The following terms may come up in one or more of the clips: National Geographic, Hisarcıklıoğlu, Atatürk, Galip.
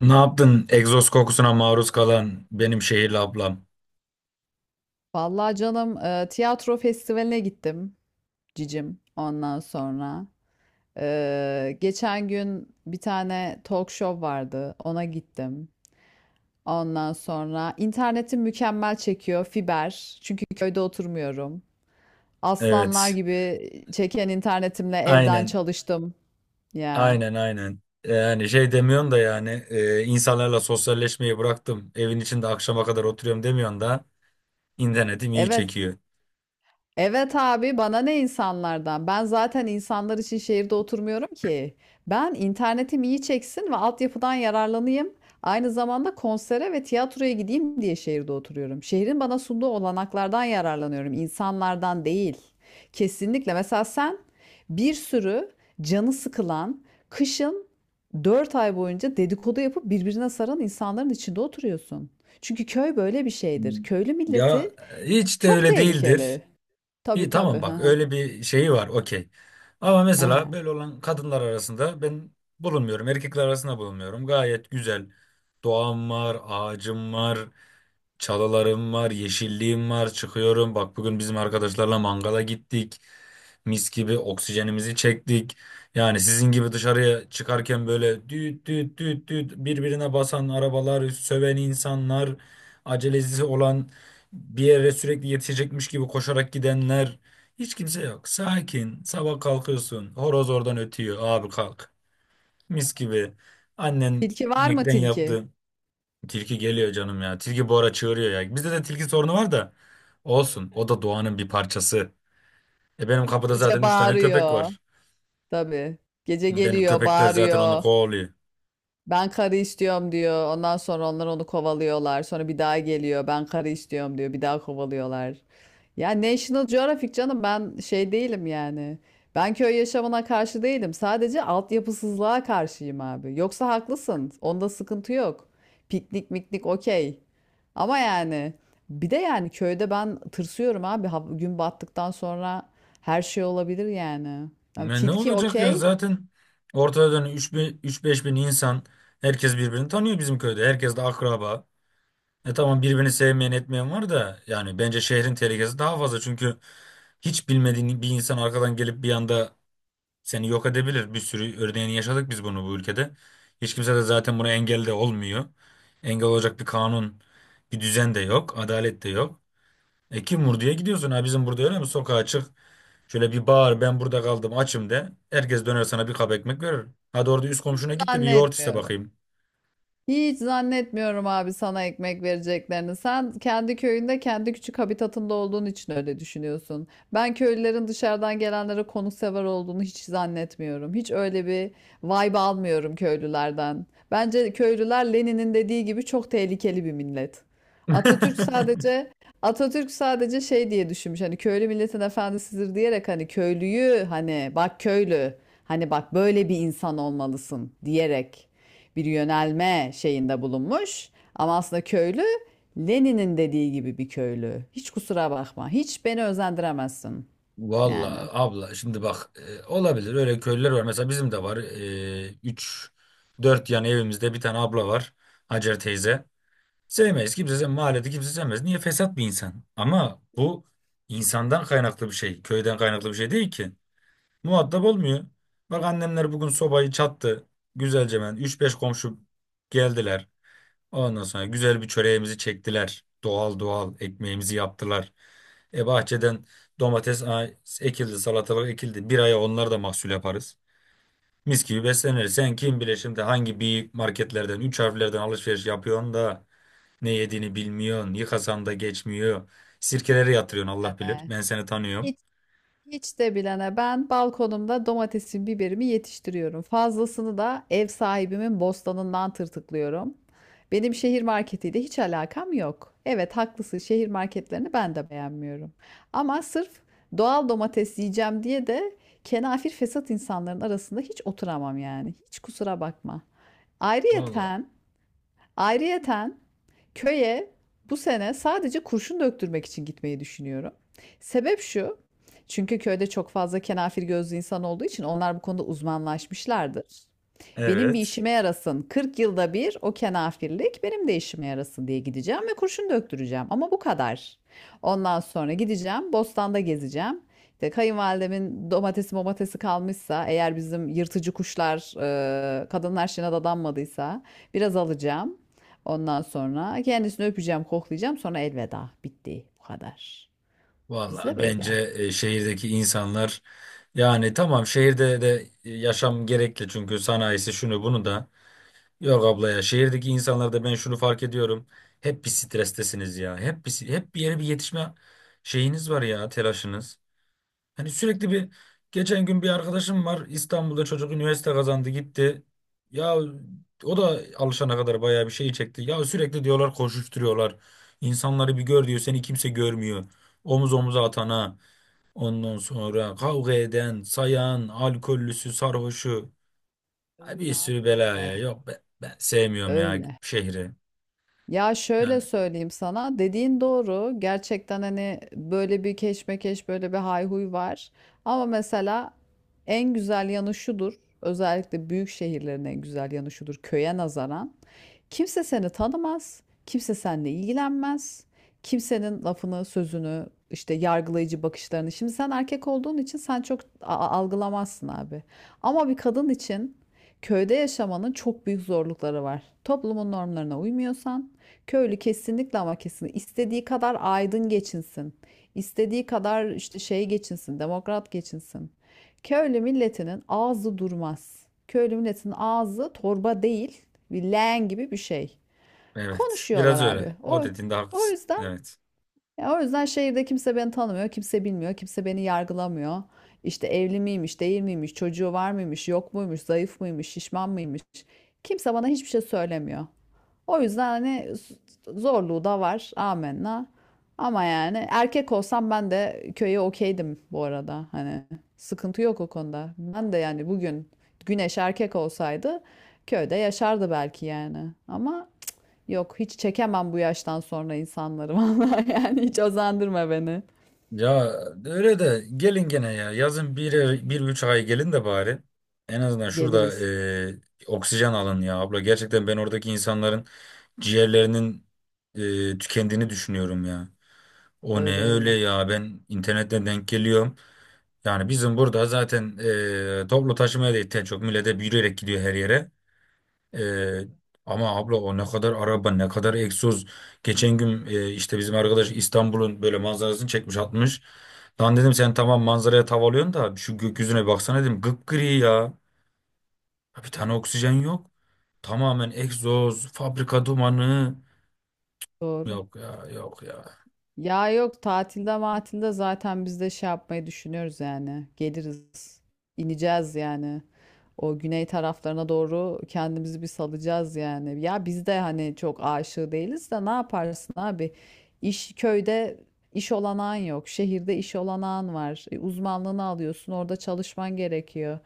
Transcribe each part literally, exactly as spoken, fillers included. Ne yaptın egzoz kokusuna maruz kalan benim şehirli ablam? Vallahi canım e, tiyatro festivaline gittim cicim ondan sonra. E, geçen gün bir tane talk show vardı, ona gittim. Ondan sonra internetim mükemmel çekiyor, fiber, çünkü köyde oturmuyorum. Aslanlar Evet. gibi çeken internetimle evden Aynen. çalıştım ya. Aynen aynen. Yani şey demiyorsun da yani e, insanlarla sosyalleşmeyi bıraktım. Evin içinde akşama kadar oturuyorum demiyorsun da internetim iyi Evet. çekiyor. Evet abi, bana ne insanlardan? Ben zaten insanlar için şehirde oturmuyorum ki. Ben internetim iyi çeksin ve altyapıdan yararlanayım, aynı zamanda konsere ve tiyatroya gideyim diye şehirde oturuyorum. Şehrin bana sunduğu olanaklardan yararlanıyorum, insanlardan değil. Kesinlikle. Mesela sen bir sürü canı sıkılan, kışın dört ay boyunca dedikodu yapıp birbirine saran insanların içinde oturuyorsun. Çünkü köy böyle bir Hmm. şeydir. Köylü Ya milleti hiç de çok öyle değildir. tehlikeli. Tabii, İyi tabii. tamam Hı bak hı. öyle bir şeyi var, okey. Ama Hı mesela hı. böyle olan kadınlar arasında ben bulunmuyorum. Erkekler arasında bulunmuyorum. Gayet güzel. Doğam var, ağacım var. Çalılarım var, yeşilliğim var. Çıkıyorum. Bak, bugün bizim arkadaşlarla mangala gittik. Mis gibi oksijenimizi çektik. Yani sizin gibi dışarıya çıkarken böyle düt düt düt düt birbirine basan arabalar, söven insanlar, acelesi olan, bir yere sürekli yetişecekmiş gibi koşarak gidenler. Hiç kimse yok. Sakin. Sabah kalkıyorsun. Horoz oradan ötüyor. Abi kalk. Mis gibi. Annen Tilki var mı inekten tilki? yaptı. Tilki geliyor canım ya. Tilki bu ara çığırıyor ya. Bizde de tilki sorunu var da olsun. O da doğanın bir parçası. E benim kapıda zaten Gece üç tane köpek bağırıyor. var. Tabii. Gece Benim geliyor, köpekler zaten onu bağırıyor. kovalıyor. Ben karı istiyorum diyor. Ondan sonra onlar onu kovalıyorlar. Sonra bir daha geliyor. Ben karı istiyorum diyor. Bir daha kovalıyorlar. Ya National Geographic canım, ben şey değilim yani. Ben köy yaşamına karşı değilim. Sadece altyapısızlığa karşıyım abi. Yoksa haklısın, onda sıkıntı yok. Piknik miknik okey. Ama yani bir de yani köyde ben tırsıyorum abi. Ha- gün battıktan sonra her şey olabilir yani. Yani Ne, ne tilki olacak ya, okey, zaten ortada üç beş bin insan. Herkes birbirini tanıyor bizim köyde. Herkes de akraba. E tamam, birbirini sevmeyen etmeyen var da yani bence şehrin tehlikesi daha fazla, çünkü hiç bilmediğin bir insan arkadan gelip bir anda seni yok edebilir. Bir sürü örneğini yaşadık biz bunu bu ülkede. Hiç kimse de zaten buna engel de olmuyor. Engel olacak bir kanun, bir düzen de yok, adalet de yok. E kim vur diye gidiyorsun, ha bizim burada öyle mi? Sokağa çık, şöyle bir bağır, ben burada kaldım açım de. Herkes döner sana bir kap ekmek verir. Hadi orada üst komşuna git de bir yoğurt iste zannetmiyorum. bakayım. Hiç zannetmiyorum abi, sana ekmek vereceklerini. Sen kendi köyünde, kendi küçük habitatında olduğun için öyle düşünüyorsun. Ben köylülerin dışarıdan gelenlere konuksever olduğunu hiç zannetmiyorum. Hiç öyle bir vibe almıyorum köylülerden. Bence köylüler Lenin'in dediği gibi çok tehlikeli bir millet. Atatürk sadece Atatürk sadece şey diye düşünmüş. Hani köylü milletin efendisidir diyerek, hani köylüyü, hani bak köylü, hani bak böyle bir insan olmalısın diyerek bir yönelme şeyinde bulunmuş. Ama aslında köylü Lenin'in dediği gibi bir köylü. Hiç kusura bakma. Hiç beni özendiremezsin. Yani. Vallahi abla şimdi bak, e, olabilir, öyle köylüler var mesela, bizim de var. e, Üç dört yan evimizde bir tane abla var, Hacer teyze. Sevmez. Kimse sevmez. Mahallede kimse sevmez. Niye? Fesat bir insan. Ama bu insandan kaynaklı bir şey. Köyden kaynaklı bir şey değil ki. Muhatap olmuyor. Bak annemler bugün sobayı çattı. Güzelce ben. üç beş komşu geldiler. Ondan sonra güzel bir çöreğimizi çektiler. Doğal doğal ekmeğimizi yaptılar. E bahçeden domates a- ekildi, salatalık ekildi. Bir aya onlar da mahsul yaparız. Mis gibi besleniriz. Sen kim bile şimdi hangi bir marketlerden, üç harflerden alışveriş yapıyorsun da ne yediğini bilmiyorsun. Yıkasanda geçmiyor. Sirkelere Hiç de yatırıyorsun, bile Allah bilir. de. Ben seni tanıyorum. Hiç Hiç de bilene, ben balkonumda domatesimi, biberimi yetiştiriyorum. Fazlasını da ev sahibimin bostanından tırtıklıyorum. Benim şehir marketiyle hiç alakam yok. Evet, haklısın, şehir marketlerini ben de beğenmiyorum. Ama sırf doğal domates yiyeceğim diye de kenafir fesat insanların arasında hiç oturamam yani. Hiç kusura bakma. Vallahi. Ayrıyeten Ayrıyeten köye bu sene sadece kurşun döktürmek için gitmeyi düşünüyorum. Sebep şu, çünkü köyde çok fazla kenafir gözlü insan olduğu için onlar bu konuda uzmanlaşmışlardır. Benim bir Evet. işime yarasın. kırk yılda bir o kenafirlik benim de işime yarasın diye gideceğim ve kurşun döktüreceğim. Ama bu kadar. Ondan sonra gideceğim, bostanda gezeceğim. İşte kayınvalidemin domatesi momatesi kalmışsa, eğer bizim yırtıcı kuşlar, e, kadınlar şeyine dadanmadıysa biraz alacağım. Ondan sonra kendisini öpeceğim, koklayacağım. Sonra elveda. Bitti. Bu kadar. Bizde Valla böyle. bence e, şehirdeki insanlar, yani tamam, şehirde de e, yaşam gerekli çünkü sanayisi şunu bunu da. Yok abla ya, şehirdeki insanlarda ben şunu fark ediyorum. Hep bir strestesiniz ya. Hep bir, hep bir yere bir yetişme şeyiniz var ya, telaşınız. Hani sürekli bir, geçen gün bir arkadaşım var İstanbul'da, çocuk üniversite kazandı gitti. Ya o da alışana kadar bayağı bir şey çekti. Ya sürekli diyorlar, koşuşturuyorlar. İnsanları bir gör diyor, seni kimse görmüyor. Omuz omuza atana, ondan sonra kavga eden, sayan, alkollüsü, sarhoşu. Ay, Öyle bir sürü böyle. belaya, yok ben, ben, sevmiyorum ya Öyle. şehri. Ya, şöyle Yani söyleyeyim sana, dediğin doğru, gerçekten hani böyle bir keşmekeş, böyle bir hayhuy var ama mesela en güzel yanı şudur, özellikle büyük şehirlerin en güzel yanı şudur, köye nazaran kimse seni tanımaz, kimse seninle ilgilenmez, kimsenin lafını, sözünü, işte yargılayıcı bakışlarını. Şimdi sen erkek olduğun için sen çok algılamazsın abi. Ama bir kadın için köyde yaşamanın çok büyük zorlukları var. Toplumun normlarına uymuyorsan, köylü kesinlikle ama kesinlikle istediği kadar aydın geçinsin, istediği kadar işte şey geçinsin, demokrat geçinsin, köylü milletinin ağzı durmaz. Köylü milletinin ağzı torba değil, bir leğen gibi bir şey. evet, Konuşuyorlar biraz öyle. abi. O O, dediğinde o haklısın. yüzden, Evet. ya o yüzden şehirde kimse beni tanımıyor, kimse bilmiyor, kimse beni yargılamıyor. İşte evli miymiş, değil miymiş, çocuğu var mıymış, yok muymuş, zayıf mıymış, şişman mıymış. Kimse bana hiçbir şey söylemiyor. O yüzden hani zorluğu da var. Amenna. Ama yani erkek olsam ben de köye okeydim bu arada. Hani sıkıntı yok o konuda. Ben de yani bugün Güneş erkek olsaydı köyde yaşardı belki yani. Ama yok, hiç çekemem bu yaştan sonra insanları. Vallahi yani, hiç özendürme beni. Ya öyle de gelin gene ya. Yazın bir, bir üç ay gelin de bari. En azından şurada Geliriz. e, oksijen alın ya abla. Gerçekten ben oradaki insanların ciğerlerinin e, tükendiğini düşünüyorum ya. O ne Öyle öyle öyle. ya, ben internetten denk geliyorum. Yani bizim burada zaten e, toplu taşımaya da ihtiyaç çok. Millete yürüyerek gidiyor her yere. Ee, ama abla, o ne kadar araba, ne kadar egzoz. Geçen gün e, işte bizim arkadaş İstanbul'un böyle manzarasını çekmiş atmış. Lan dedim, sen tamam manzaraya tav alıyorsun da şu gökyüzüne baksana dedim, gıpgri ya. Ya, bir tane oksijen yok. Tamamen egzoz, fabrika dumanı. Doğru. Yok ya, yok ya. Ya, yok, tatilde matilde zaten biz de şey yapmayı düşünüyoruz yani. Geliriz. İneceğiz yani. O güney taraflarına doğru kendimizi bir salacağız yani. Ya biz de hani çok aşığı değiliz de ne yaparsın abi? İş, köyde iş olanağın yok. Şehirde iş olanağın var. E, Uzmanlığını alıyorsun, orada çalışman gerekiyor.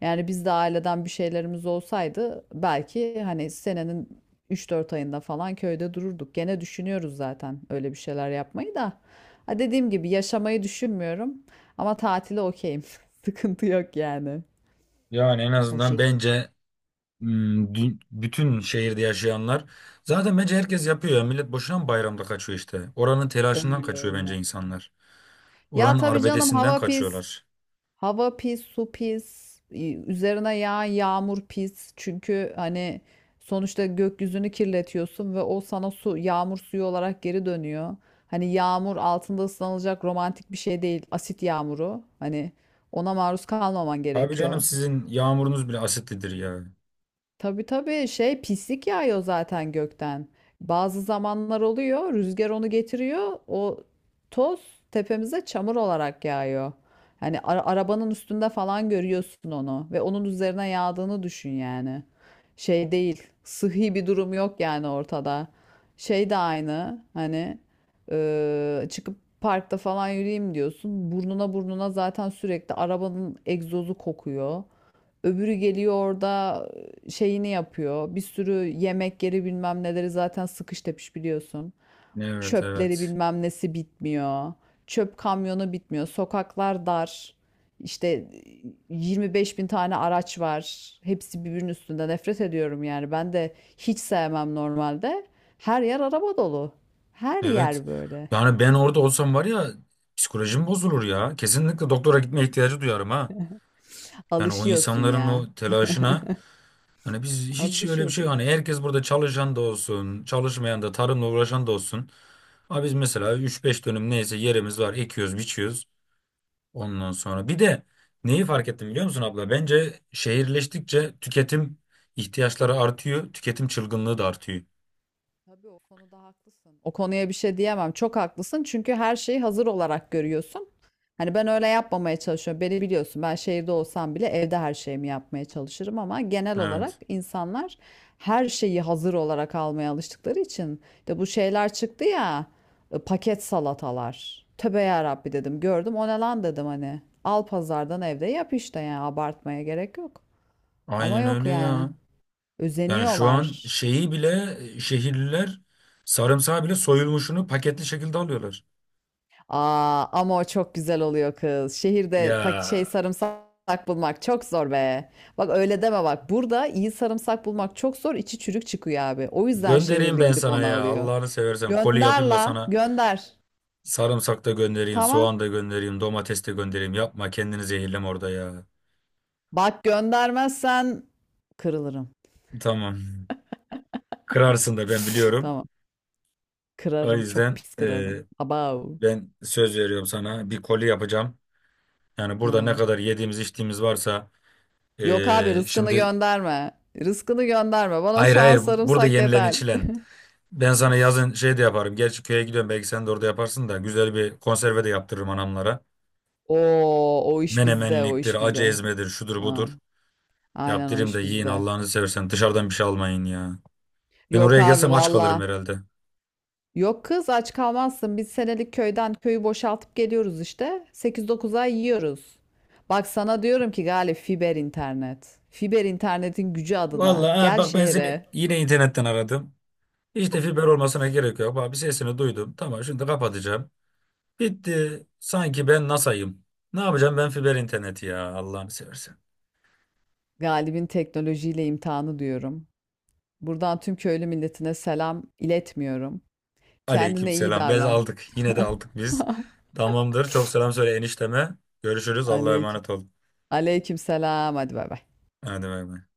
Yani biz de aileden bir şeylerimiz olsaydı belki hani senenin Üç dört ayında falan köyde dururduk. Gene düşünüyoruz zaten öyle bir şeyler yapmayı da. Ha, dediğim gibi yaşamayı düşünmüyorum ama tatile okeyim. Sıkıntı yok yani. Yani en O azından şekil. bence, hmm, dü- bütün şehirde yaşayanlar zaten bence herkes yapıyor ya. Millet boşuna mı bayramda kaçıyor işte. Oranın telaşından Öyle kaçıyor bence öyle. insanlar. Ya Oranın tabii canım, arbedesinden hava pis. kaçıyorlar. Hava pis, su pis, y- üzerine yağan yağmur pis. Çünkü hani sonuçta gökyüzünü kirletiyorsun ve o sana su, yağmur suyu olarak geri dönüyor. Hani yağmur altında ıslanılacak romantik bir şey değil. Asit yağmuru. Hani ona maruz kalmaman Abi canım gerekiyor. sizin yağmurunuz bile asitlidir ya. Tabii tabii, şey, pislik yağıyor zaten gökten. Bazı zamanlar oluyor, rüzgar onu getiriyor, o toz tepemize çamur olarak yağıyor. Hani ara- arabanın üstünde falan görüyorsun onu ve onun üzerine yağdığını düşün yani. Şey değil, sıhhi bir durum yok yani ortada. Şey de aynı hani, e, çıkıp parkta falan yürüyeyim diyorsun, burnuna burnuna zaten sürekli arabanın egzozu kokuyor. Öbürü geliyor orada şeyini yapıyor. Bir sürü yemek yeri bilmem neleri zaten sıkış tepiş biliyorsun. Evet, Çöpleri evet. bilmem nesi bitmiyor. Çöp kamyonu bitmiyor. Sokaklar dar. İşte yirmi beş bin tane araç var. Hepsi birbirinin üstünde. Nefret ediyorum yani. Ben de hiç sevmem normalde. Her yer araba dolu. Her Evet. yer böyle. Yani ben orada olsam var ya, psikolojim bozulur ya. Kesinlikle doktora gitmeye ihtiyacı duyarım ha. Yani o Alışıyorsun insanların ya. o telaşına, hani biz hiç öyle bir şey, Alışıyorsun. hani herkes burada çalışan da olsun, çalışmayan da, tarımla uğraşan da olsun. Abi biz mesela üç beş dönüm neyse yerimiz var, ekiyoruz, biçiyoruz. Ondan sonra bir de neyi fark ettim biliyor musun abla? Bence şehirleştikçe tüketim ihtiyaçları artıyor, tüketim çılgınlığı da artıyor. Tabii o konuda haklısın. O konuya bir şey diyemem. Çok haklısın çünkü her şeyi hazır olarak görüyorsun. Hani ben öyle yapmamaya çalışıyorum. Beni biliyorsun, ben şehirde olsam bile evde her şeyimi yapmaya çalışırım ama genel olarak Evet. insanlar her şeyi hazır olarak almaya alıştıkları için de bu şeyler çıktı ya, e, paket salatalar. Tövbe yarabbi dedim, gördüm, o ne lan dedim hani. Al pazardan, evde yap işte, yani abartmaya gerek yok. Ama Aynen yok öyle yani, ya. Yani şu an özeniyorlar. şeyi bile şehirliler, sarımsağı bile soyulmuşunu paketli şekilde alıyorlar. Aa, ama o çok güzel oluyor kız. Şehirde pak Ya şey sarımsak bulmak çok zor be. Bak öyle deme bak. Burada iyi sarımsak bulmak çok zor. İçi çürük çıkıyor abi. O yüzden göndereyim şehirli ben gidip sana onu ya, alıyor. Allah'ını seversen koli Gönder yapayım da la, sana gönder. sarımsak da göndereyim, Tamam. soğan da göndereyim, domates de göndereyim. Yapma, kendini zehirleme orada ya. Bak göndermezsen kırılırım. Tamam. Kırarsın da, ben biliyorum. Tamam. O Kırarım. Çok yüzden pis e, kırarım. Abav. ben söz veriyorum sana, bir koli yapacağım. Yani burada ne He. kadar yediğimiz içtiğimiz varsa, Yok abi, eee, rızkını şimdi gönderme. Rızkını gönderme. Bana hayır soğan hayır bu- burada sarımsak yenilen yeter. içilen. Ben sana yazın şey de yaparım. Gerçi köye gidiyorum, belki sen de orada yaparsın da, güzel bir konserve de yaptırırım anamlara. Oo, o iş bizde, o Menemenliktir, iş acı bizde. ezmedir, şudur Ha. budur. Aynen, o Yaptırayım da iş yiyin, bizde. Allah'ınızı seversen dışarıdan bir şey almayın ya. Ben Yok oraya abi gelsem aç kalırım valla. herhalde. Yok kız, aç kalmazsın. Biz senelik köyden köyü boşaltıp geliyoruz işte. Sekiz dokuz ay yiyoruz. Bak sana diyorum ki Galip, fiber internet. Fiber internetin gücü adına. Vallahi ha, Gel bak ben seni şehre. yine internetten aradım. Hiç de fiber olmasına gerek yok. Bak, bir sesini duydum. Tamam, şimdi kapatacağım. Bitti. Sanki ben NASA'yım. Ne yapacağım ben fiber interneti ya Allah'ını seversen. Galip'in teknolojiyle imtihanı diyorum. Buradan tüm köylü milletine selam iletmiyorum. Aleyküm Kendine iyi selam. Bez davran. aldık. Yine de aldık biz. Tamamdır. Çok selam söyle enişteme. Görüşürüz. Allah'a Aleyküm. emanet ol. Aleyküm selam. Hadi bay bay. Hadi bay bay.